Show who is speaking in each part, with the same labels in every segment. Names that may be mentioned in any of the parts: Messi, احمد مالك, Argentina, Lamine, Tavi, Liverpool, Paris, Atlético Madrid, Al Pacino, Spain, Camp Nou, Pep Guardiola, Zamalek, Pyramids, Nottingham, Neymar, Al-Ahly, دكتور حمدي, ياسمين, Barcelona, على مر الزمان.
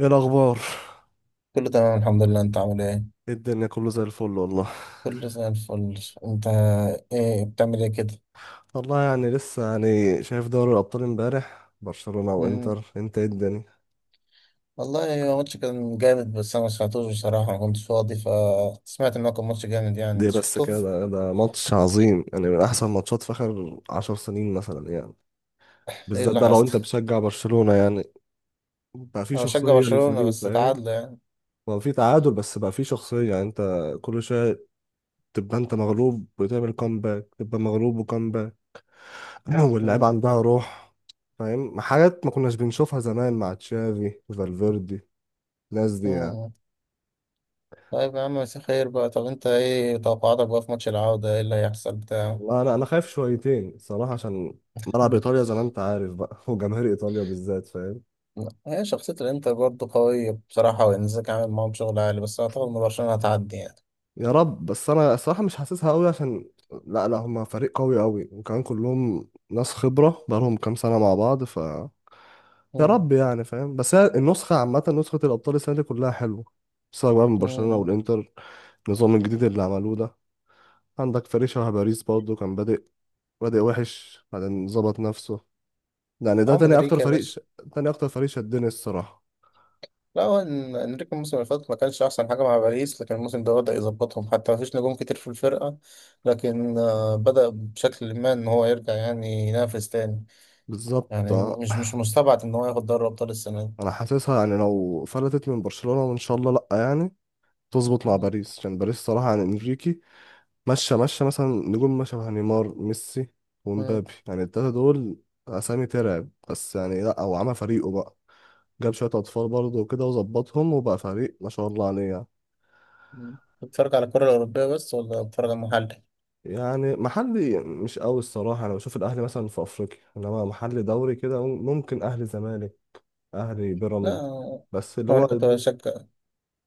Speaker 1: ايه الاخبار؟
Speaker 2: كله تمام الحمد لله، انت عامل ايه؟
Speaker 1: إيه الدنيا، كله زي الفل والله.
Speaker 2: كله زي الفل. انت ايه، بتعمل ايه كده؟
Speaker 1: والله يعني لسه، يعني شايف دوري الابطال امبارح، برشلونة
Speaker 2: مم.
Speaker 1: وانتر، انت ايه الدنيا؟
Speaker 2: والله هو ماتش كان جامد، بس انا ما سمعتوش بصراحه، ما كنتش فاضي، فسمعت ان هو كان ماتش جامد يعني.
Speaker 1: دي
Speaker 2: انت
Speaker 1: بس
Speaker 2: شفته؟
Speaker 1: كده، ده ماتش عظيم، يعني من احسن ماتشات في اخر عشر سنين مثلا يعني.
Speaker 2: ايه
Speaker 1: بالذات
Speaker 2: اللي
Speaker 1: ده لو انت
Speaker 2: حصل؟
Speaker 1: بتشجع برشلونة يعني. بقى في
Speaker 2: انا
Speaker 1: شخصية
Speaker 2: بشجع برشلونه
Speaker 1: للفريق،
Speaker 2: بس
Speaker 1: فاهم.
Speaker 2: تعادل يعني.
Speaker 1: هو في تعادل، بس بقى في شخصية، يعني انت كل شوية تبقى انت مغلوب وتعمل كومباك، تبقى مغلوب وكومباك. واللعيبة
Speaker 2: مم.
Speaker 1: عندها روح، فاهم. حاجات ما كناش بنشوفها زمان مع تشافي وفالفيردي، الناس دي يعني.
Speaker 2: مم. طيب يا عم، مساء خير بقى. طب انت ايه توقعاتك بقى في ماتش العوده؟ ايه اللي هيحصل بتاع...
Speaker 1: والله انا خايف شويتين صراحه، عشان ملعب ايطاليا زي ما انت عارف بقى، وجماهير ايطاليا بالذات، فاهم.
Speaker 2: هي شخصيه الانتر برضه قويه بصراحه، وانزاك عامل معاهم شغل عالي، بس اعتقد ان برشلونه هتعدي يعني.
Speaker 1: يا رب، بس انا الصراحه مش حاسسها قوي، عشان لا لا، هما فريق قوي قوي، وكمان كلهم ناس خبره، بقالهم كام سنه مع بعض يا
Speaker 2: مم.
Speaker 1: رب يعني، فاهم، بس هي النسخه عامه، نسخه الابطال السنه دي كلها حلوه، سواء بقى من برشلونه
Speaker 2: مم.
Speaker 1: والانتر. النظام الجديد اللي عملوه ده، عندك فريق شبه باريس برضه، كان بادئ وحش، بعدين ظبط نفسه. يعني ده
Speaker 2: عم
Speaker 1: تاني اكتر
Speaker 2: انريكي يا
Speaker 1: فريق
Speaker 2: باشا.
Speaker 1: تاني اكتر فريق شدني الصراحه.
Speaker 2: لا هو، انريكي الموسم اللي فات ما كانش احسن حاجه مع باريس، لكن الموسم ده بدا يظبطهم، حتى ما فيش نجوم كتير في الفرقه. لكن بدا بشكل ما ان هو يرجع يعني ينافس تاني.
Speaker 1: بالظبط
Speaker 2: يعني
Speaker 1: آه.
Speaker 2: مش مستبعد ان هو ياخد دوري ابطال السنه دي.
Speaker 1: انا حاسسها يعني لو فلتت من برشلونة، وان شاء الله لا، يعني تظبط مع
Speaker 2: مم.
Speaker 1: باريس، عشان باريس صراحة يعني انريكي ماشية ماشية، مثلا نجوم ما شبه نيمار، ميسي
Speaker 2: مم.
Speaker 1: ومبابي، يعني التلاتة دول اسامي ترعب. بس يعني، لا هو عمل فريقه بقى، جاب شوية اطفال برضه وكده وظبطهم، وبقى فريق ما شاء الله عليه يعني.
Speaker 2: مم. بتتفرج على الكره الاوروبيه بس، ولا بتتفرج على المحلي؟
Speaker 1: يعني محلي مش قوي الصراحة، انا بشوف الاهلي مثلا في افريقيا، انما محلي دوري كده ممكن اهلي زمالك، اهلي بيراميدز.
Speaker 2: لا
Speaker 1: بس اللي
Speaker 2: هو
Speaker 1: هو
Speaker 2: انا كنت بشجع.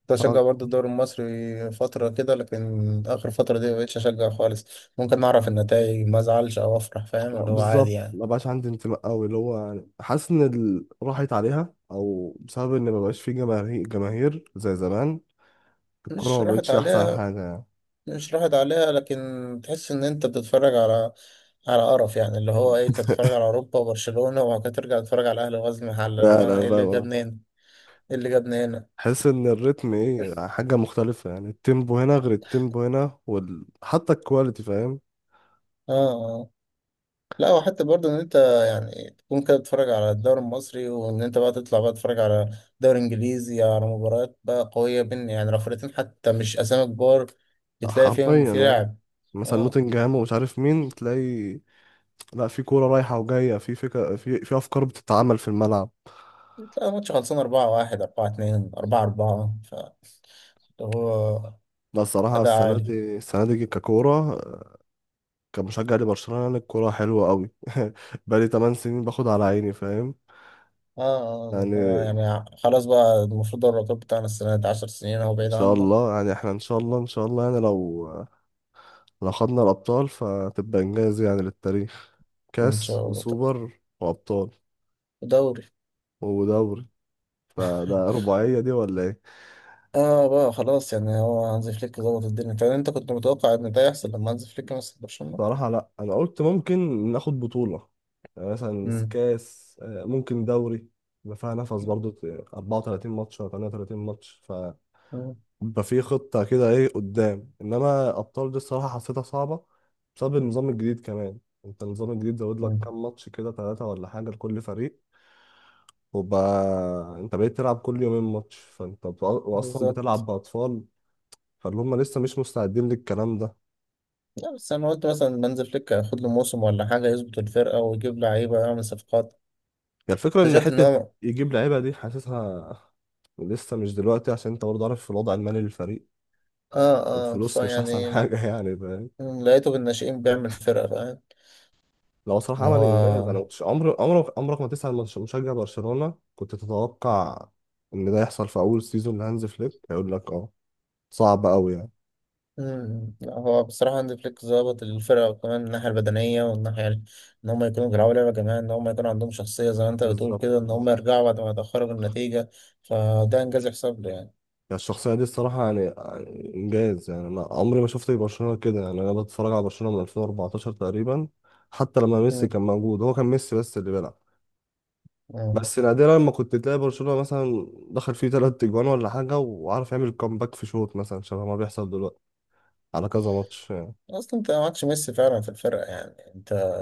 Speaker 2: كنت بشجع برضه الدوري المصري فتره كده، لكن اخر فتره دي ما بقتش اشجع خالص. ممكن اعرف النتائج ما ازعلش او افرح، فاهم، اللي هو عادي
Speaker 1: بالظبط
Speaker 2: يعني.
Speaker 1: ما بقاش عندي انتماء قوي، اللي هو يعني حاسس ان راحت عليها، او بسبب ان ما بقاش في جماهير جماهير زي زمان، الكرة
Speaker 2: مش
Speaker 1: ما
Speaker 2: راحت
Speaker 1: بقتش احسن
Speaker 2: عليها.
Speaker 1: حاجة يعني.
Speaker 2: مش راحت عليها، لكن تحس ان انت بتتفرج على قرف يعني، اللي هو ايه، انت بتتفرج على اوروبا وبرشلونة، وبعد كده ترجع تتفرج على الاهلي وغزل المحله، اللي
Speaker 1: لا
Speaker 2: هو انا
Speaker 1: لا
Speaker 2: ايه اللي
Speaker 1: فاهم.
Speaker 2: جابني هنا؟ ايه اللي جابني هنا؟
Speaker 1: حس ان الريتم ايه، حاجة مختلفة، يعني التيمبو هنا غير التيمبو هنا حتى الكواليتي فاهم.
Speaker 2: اه. اه. لا، وحتى برضه ان انت، يعني تكون كده بتتفرج على الدوري المصري، وان انت بقى تطلع بقى تتفرج على دوري انجليزي، على مباريات بقى قوية بين يعني رفرتين حتى، مش اسامي كبار، بتلاقي فيهم
Speaker 1: حرفيا
Speaker 2: في
Speaker 1: اه.
Speaker 2: لعب.
Speaker 1: مثلا
Speaker 2: اه،
Speaker 1: نوتنجهام ومش عارف مين تلاقي. لا، في كورة رايحة وجاية، في فكرة، في افكار بتتعمل في الملعب.
Speaker 2: تلاقي ماتش خلصان 4-1، 4-2، 4-4، فاللي هو
Speaker 1: لا الصراحة،
Speaker 2: أداء
Speaker 1: السنة
Speaker 2: عالي.
Speaker 1: دي، ككورة كمشجع لبرشلونة، يعني الكورة حلوة قوي. بقالي 8 سنين باخد على عيني، فاهم
Speaker 2: اه،
Speaker 1: يعني.
Speaker 2: يعني خلاص بقى، المفروض الرقابة بتاعنا السنة دي 10 سنين اهو
Speaker 1: ان
Speaker 2: بعيد
Speaker 1: شاء
Speaker 2: عنه.
Speaker 1: الله، يعني احنا ان شاء الله، ان شاء الله يعني، لو خدنا الابطال فتبقى انجاز يعني للتاريخ،
Speaker 2: ان
Speaker 1: كاس
Speaker 2: شاء الله. طب،
Speaker 1: وسوبر وابطال
Speaker 2: دوري.
Speaker 1: ودوري، فده رباعية دي ولا ايه؟
Speaker 2: اه بقى خلاص، يعني هو هانزي فليك ظبط الدنيا. طب انت كنت متوقع ان ده يحصل لما هانزي فليك مسك برشلونة؟
Speaker 1: صراحة لا، انا قلت ممكن ناخد بطولة، يعني مثلا
Speaker 2: امم.
Speaker 1: كاس، ممكن دوري، يبقى فيها نفس برضه 34 ماتش ولا 38 ماتش،
Speaker 2: مم.
Speaker 1: يبقى في خطة كده ايه قدام. انما ابطال دي الصراحة حسيتها صعبة، بسبب النظام الجديد كمان. انت النظام الجديد زود لك
Speaker 2: مم.
Speaker 1: كام ماتش كده، ثلاثة ولا حاجة لكل فريق، وبقى انت بقيت تلعب كل يومين ماتش، فانت واصلا بتلعب
Speaker 2: بالظبط.
Speaker 1: بأطفال، فاللي هم لسه مش مستعدين للكلام ده.
Speaker 2: لا، بس انا قلت مثلا هانز فليك هياخد له موسم ولا حاجه، يظبط الفرقه ويجيب لعيبه، يعمل صفقات.
Speaker 1: هي الفكرة ان
Speaker 2: اكتشفت ان
Speaker 1: حتة
Speaker 2: هو...
Speaker 1: يجيب لعيبة دي، حاسسها لسه مش دلوقتي، عشان انت برضه عارف الوضع المالي للفريق،
Speaker 2: اه. اه،
Speaker 1: الفلوس مش احسن
Speaker 2: فيعني
Speaker 1: حاجة يعني فاهم.
Speaker 2: لقيته بالناشئين بيعمل فرقه، فاهم
Speaker 1: لو
Speaker 2: ان
Speaker 1: صراحة عمل
Speaker 2: هو.
Speaker 1: إنجاز، أنا مكنتش عمرك ما تسأل مشجع برشلونة، كنت تتوقع إن ده يحصل في أول سيزون لهانز فليك؟ هيقول لك أه، صعب أوي يعني.
Speaker 2: مم. لا هو بصراحة هانز فليك ظابط الفرقة، وكمان الناحية البدنية والناحية إن هم يكونوا بيلعبوا لعبة جماعية، إن هم يكون عندهم شخصية زي ما أنت بتقول
Speaker 1: بالظبط
Speaker 2: كده، إن
Speaker 1: أه.
Speaker 2: هم يرجعوا بعد ما يتأخروا بالنتيجة. فده إنجاز يحسب له يعني.
Speaker 1: يعني الشخصية دي الصراحة، يعني إنجاز، يعني أنا عمري ما شفت برشلونة كده، يعني أنا بتفرج على برشلونة من 2014 تقريبا. حتى لما ميسي
Speaker 2: مم.
Speaker 1: كان موجود، هو كان ميسي بس اللي بيلعب،
Speaker 2: مم.
Speaker 1: بس نادرا لما كنت تلاقي برشلونة مثلا دخل فيه تلات تجوان ولا حاجة وعارف يعمل كومباك في شوط، مثلا شبه ما بيحصل دلوقتي على كذا ماتش.
Speaker 2: أصلا أنت معكش ميسي فعلا في الفرقة يعني أنت.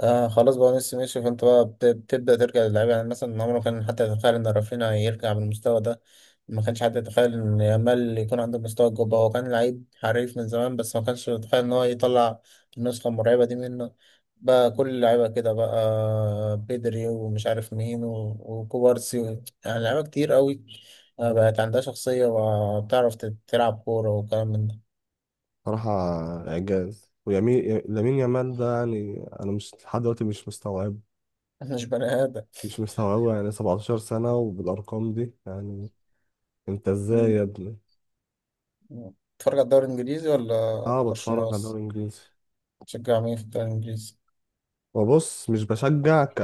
Speaker 2: آه خلاص بقى، ميسي ماشي، فانت بقى بتبدأ ترجع للعيبة. يعني مثلا عمره كان حتى يتخيل ان رافينيا يرجع بالمستوى ده. ما كانش حد يتخيل ان يامال يكون عنده مستوى الجبهة. هو كان لعيب حريف من زمان، بس ما كانش يتخيل ان هو يطلع النسخة المرعبة دي منه. بقى كل اللعيبة كده، بقى بدري، ومش عارف مين وكوبارسي يعني لعيبة كتير قوي. بقت عندها شخصية، وبتعرف تلعب كورة وكلام من ده.
Speaker 1: صراحة إعجاز، ويمين لامين يامال ده، يعني أنا مش لحد دلوقتي مش مستوعب،
Speaker 2: مش بني آدم.
Speaker 1: مش مستوعبه، يعني 17 سنة وبالأرقام دي، يعني أنت إزاي
Speaker 2: مم.
Speaker 1: يا ابني؟
Speaker 2: بتتفرج على الدوري الإنجليزي ولا
Speaker 1: أه بتفرج
Speaker 2: برشلونة
Speaker 1: على الدوري
Speaker 2: بس؟
Speaker 1: الإنجليزي.
Speaker 2: تشجع مين في الدوري الإنجليزي؟
Speaker 1: وبص مش بشجع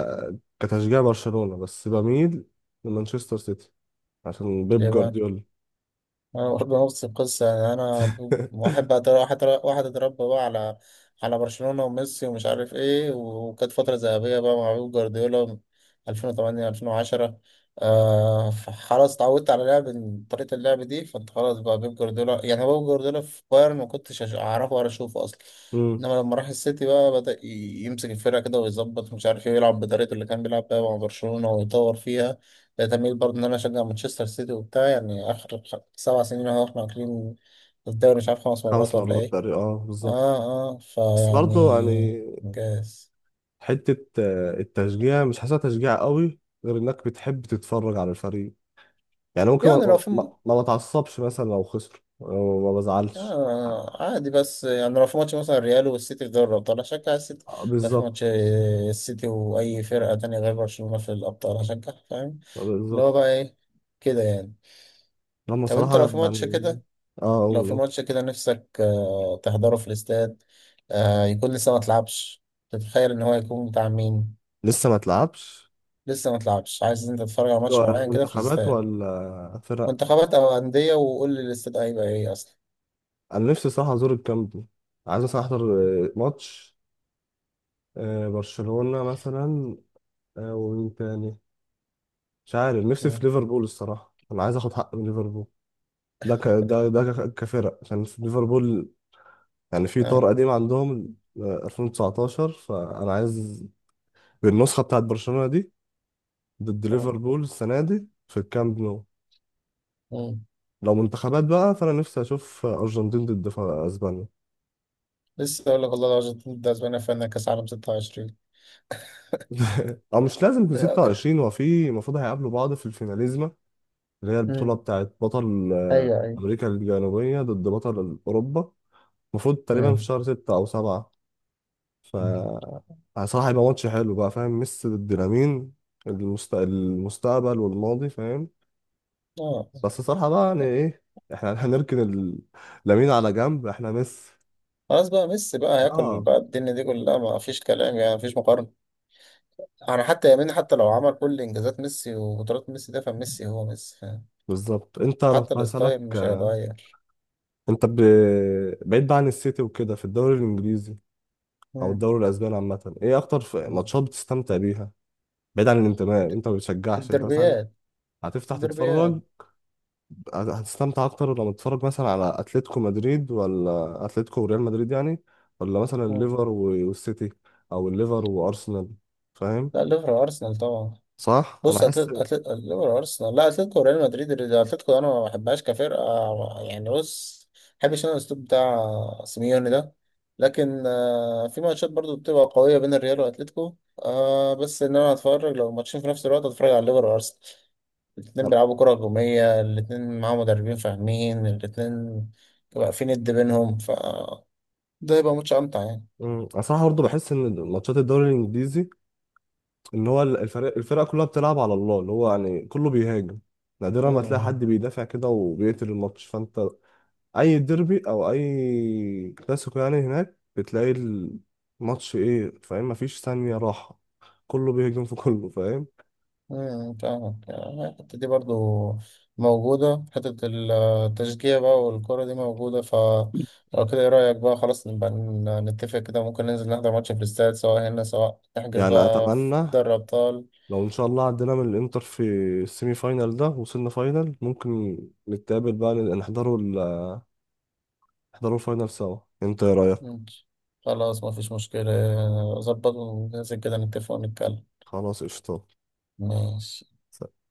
Speaker 1: كتشجيع برشلونة، بس بميل لمانشستر سيتي عشان بيب
Speaker 2: اليابان.
Speaker 1: جوارديولا.
Speaker 2: أنا برضه نفس القصة. يعني أنا واحد بعد واحد اتربى بقى على. على برشلونة وميسي، ومش عارف إيه، وكانت فترة ذهبية بقى مع بيب جوارديولا 2008 2010. فخلاص اتعودت على لعب طريقة اللعب دي. فأنت خلاص بقى بيب جوارديولا يعني، هو بيب جوارديولا في بايرن ما كنتش أعرفه ولا أشوفه أصلا.
Speaker 1: مم.
Speaker 2: إنما لما راح السيتي بقى، بدأ يمسك الفرقة كده ويظبط مش عارف إيه، يلعب بطريقة اللي كان بيلعب بيها مع برشلونة ويطور فيها. بقيت أميل برضه إن أنا أشجع مانشستر سيتي وبتاع. يعني آخر 7 سنين أهو إحنا واكلين الدوري مش عارف 5 مرات
Speaker 1: خمس
Speaker 2: ولا
Speaker 1: مرات
Speaker 2: إيه.
Speaker 1: تقريبا، أه بالظبط.
Speaker 2: آه. آه
Speaker 1: بس برضه يعني،
Speaker 2: فيعني إنجاز.
Speaker 1: حتة التشجيع مش حاسسها تشجيع قوي، غير إنك بتحب تتفرج على الفريق، يعني ممكن
Speaker 2: يعني لو
Speaker 1: ما,
Speaker 2: في
Speaker 1: ما, ما بتعصبش مثلا لو خسر، أو ما بزعلش.
Speaker 2: آه، عادي، بس يعني لو في ماتش مثلا الريال والسيتي في دوري الأبطال هشجع السيتي.
Speaker 1: آه،
Speaker 2: لو في
Speaker 1: بالظبط.
Speaker 2: ماتش السيتي وأي فرقة تانية غير برشلونة في الأبطال هشجع، فاهم اللي هو
Speaker 1: بالظبط.
Speaker 2: بقى إيه كده يعني.
Speaker 1: لما
Speaker 2: طب أنت
Speaker 1: صراحة
Speaker 2: لو في ماتش
Speaker 1: يعني،
Speaker 2: كده.
Speaker 1: اه
Speaker 2: لو في
Speaker 1: اقوله.
Speaker 2: ماتش كده نفسك تحضره في الاستاد، يكون لسه ما اتلعبش، تتخيل ان هو يكون بتاع مين.
Speaker 1: لسه ما تلعبش.
Speaker 2: لسه ما اتلعبش، عايز انت تتفرج على ماتش
Speaker 1: ده
Speaker 2: معين كده في
Speaker 1: منتخبات
Speaker 2: الاستاد.
Speaker 1: ولا فرق؟
Speaker 2: منتخبات او انديه؟ وقول لي الاستاد هيبقى ايه اصلا.
Speaker 1: انا نفسي صراحة ازور الكامب نو، عايز مثلا احضر ماتش، برشلونة مثلا، ومين تاني؟ مش عارف، نفسي في
Speaker 2: مم.
Speaker 1: ليفربول الصراحة، انا عايز اخد حق من ليفربول. ده ك... ده ده ك- كفرق، عشان في ليفربول يعني في طار
Speaker 2: آه.
Speaker 1: قديم عندهم، 2019، فانا عايز بالنسخه بتاعت برشلونه دي ضد
Speaker 2: مم.
Speaker 1: ليفربول السنه دي في الكامب نو.
Speaker 2: مم.
Speaker 1: لو منتخبات بقى، فانا نفسي اشوف ارجنتين ضد اسبانيا.
Speaker 2: لسه اقول لك، والله الارجنتين ضد اسبانيا في نهائي كاس عالم 26.
Speaker 1: او مش لازم في
Speaker 2: آه.
Speaker 1: 26، هو في المفروض هيقابلوا بعض في الفيناليزما، اللي هي البطوله
Speaker 2: مم.
Speaker 1: بتاعت بطل
Speaker 2: ايوه، ايوه.
Speaker 1: امريكا الجنوبيه ضد بطل اوروبا. المفروض تقريبا في
Speaker 2: مم.
Speaker 1: شهر 6 او 7. ف يعني صراحه هيبقى ماتش حلو بقى، فاهم، ميسي ضد لامين، المستقبل والماضي فاهم.
Speaker 2: اه
Speaker 1: بس صراحة بقى، يعني ايه، احنا هنركن لامين على جنب، احنا ميسي.
Speaker 2: خلاص بقى، ميسي بقى هياكل
Speaker 1: اه
Speaker 2: بقى الدنيا دي كلها، ما فيش كلام يعني، ما فيش مقارنه. انا حتى يمين حتى لو عمل كل انجازات ميسي وقدرات ميسي ده، فميسي هو ميسي، فاهم؟
Speaker 1: بالظبط. انت انا
Speaker 2: حتى
Speaker 1: كنت هسألك،
Speaker 2: الستايل مش هيتغير.
Speaker 1: انت ب... بعيد بقى عن السيتي وكده في الدوري الانجليزي او
Speaker 2: مم.
Speaker 1: الدوري الاسباني عامة، ايه اكتر
Speaker 2: مم.
Speaker 1: ماتشات بتستمتع بيها، بعيد عن
Speaker 2: د-
Speaker 1: الانتماء انت ما بتشجعش، انت مثلا
Speaker 2: الدربيات.
Speaker 1: هتفتح
Speaker 2: الدربيات.
Speaker 1: تتفرج، هتستمتع اكتر لما تتفرج مثلا على اتلتيكو مدريد، ولا اتلتيكو وريال مدريد يعني، ولا مثلا
Speaker 2: مم.
Speaker 1: الليفر والسيتي، او الليفر وارسنال، فاهم؟
Speaker 2: لا، ليفر ارسنال طبعا.
Speaker 1: صح، انا
Speaker 2: بص،
Speaker 1: احس،
Speaker 2: ليفر أرسنال، لا. أتلتيكو ريال مدريد، أتلتيكو أنا ما بحبهاش كفرقة. يعني بص، ما بحبش أنا الأسلوب بتاع سيميوني ده. لكن في ماتشات برضو بتبقى قوية بين الريال وأتلتيكو. آه، بس إن أنا هتفرج، لو ماتشين في نفس الوقت هتفرج على ليفر وأرسنال. الاتنين بيلعبوا كرة هجومية، الاتنين معاهم مدربين فاهمين، الاتنين بيبقى في ند بينهم، ف ده يبقى ماتش أمتع يعني.
Speaker 1: اصلا برضه بحس ان ماتشات الدوري الانجليزي، ان هو الفرق كلها بتلعب على الله، اللي هو يعني كله بيهاجم، نادرا ما تلاقي
Speaker 2: مم.
Speaker 1: حد بيدافع كده وبيقتل الماتش. فانت اي ديربي او اي كلاسيكو يعني، هناك بتلاقي الماتش ايه، فاهم، مفيش ثانية راحة، كله بيهاجم في كله، فاهم.
Speaker 2: فاهمك. يعني الحتة دي برضو موجودة، حتة التشجيع بقى والكرة دي موجودة. ف لو كده، ايه رأيك بقى؟ خلاص نبقى نتفق كده. ممكن ننزل نحضر ماتش في الاستاد، سواء هنا، سواء نحجز
Speaker 1: يعني
Speaker 2: بقى في
Speaker 1: اتمنى
Speaker 2: دوري أبطال.
Speaker 1: لو ان شاء الله عدينا من الانتر في السيمي فاينال ده، وصلنا فاينال، ممكن نتقابل بقى، نحضروا نحضروا الفاينال سوا، انت ايه رايك؟
Speaker 2: ماشي. خلاص، مفيش مشكلة. ظبط وننزل كده نتفق ونتكلم.
Speaker 1: خلاص قشطة.
Speaker 2: ماشي.
Speaker 1: سلام.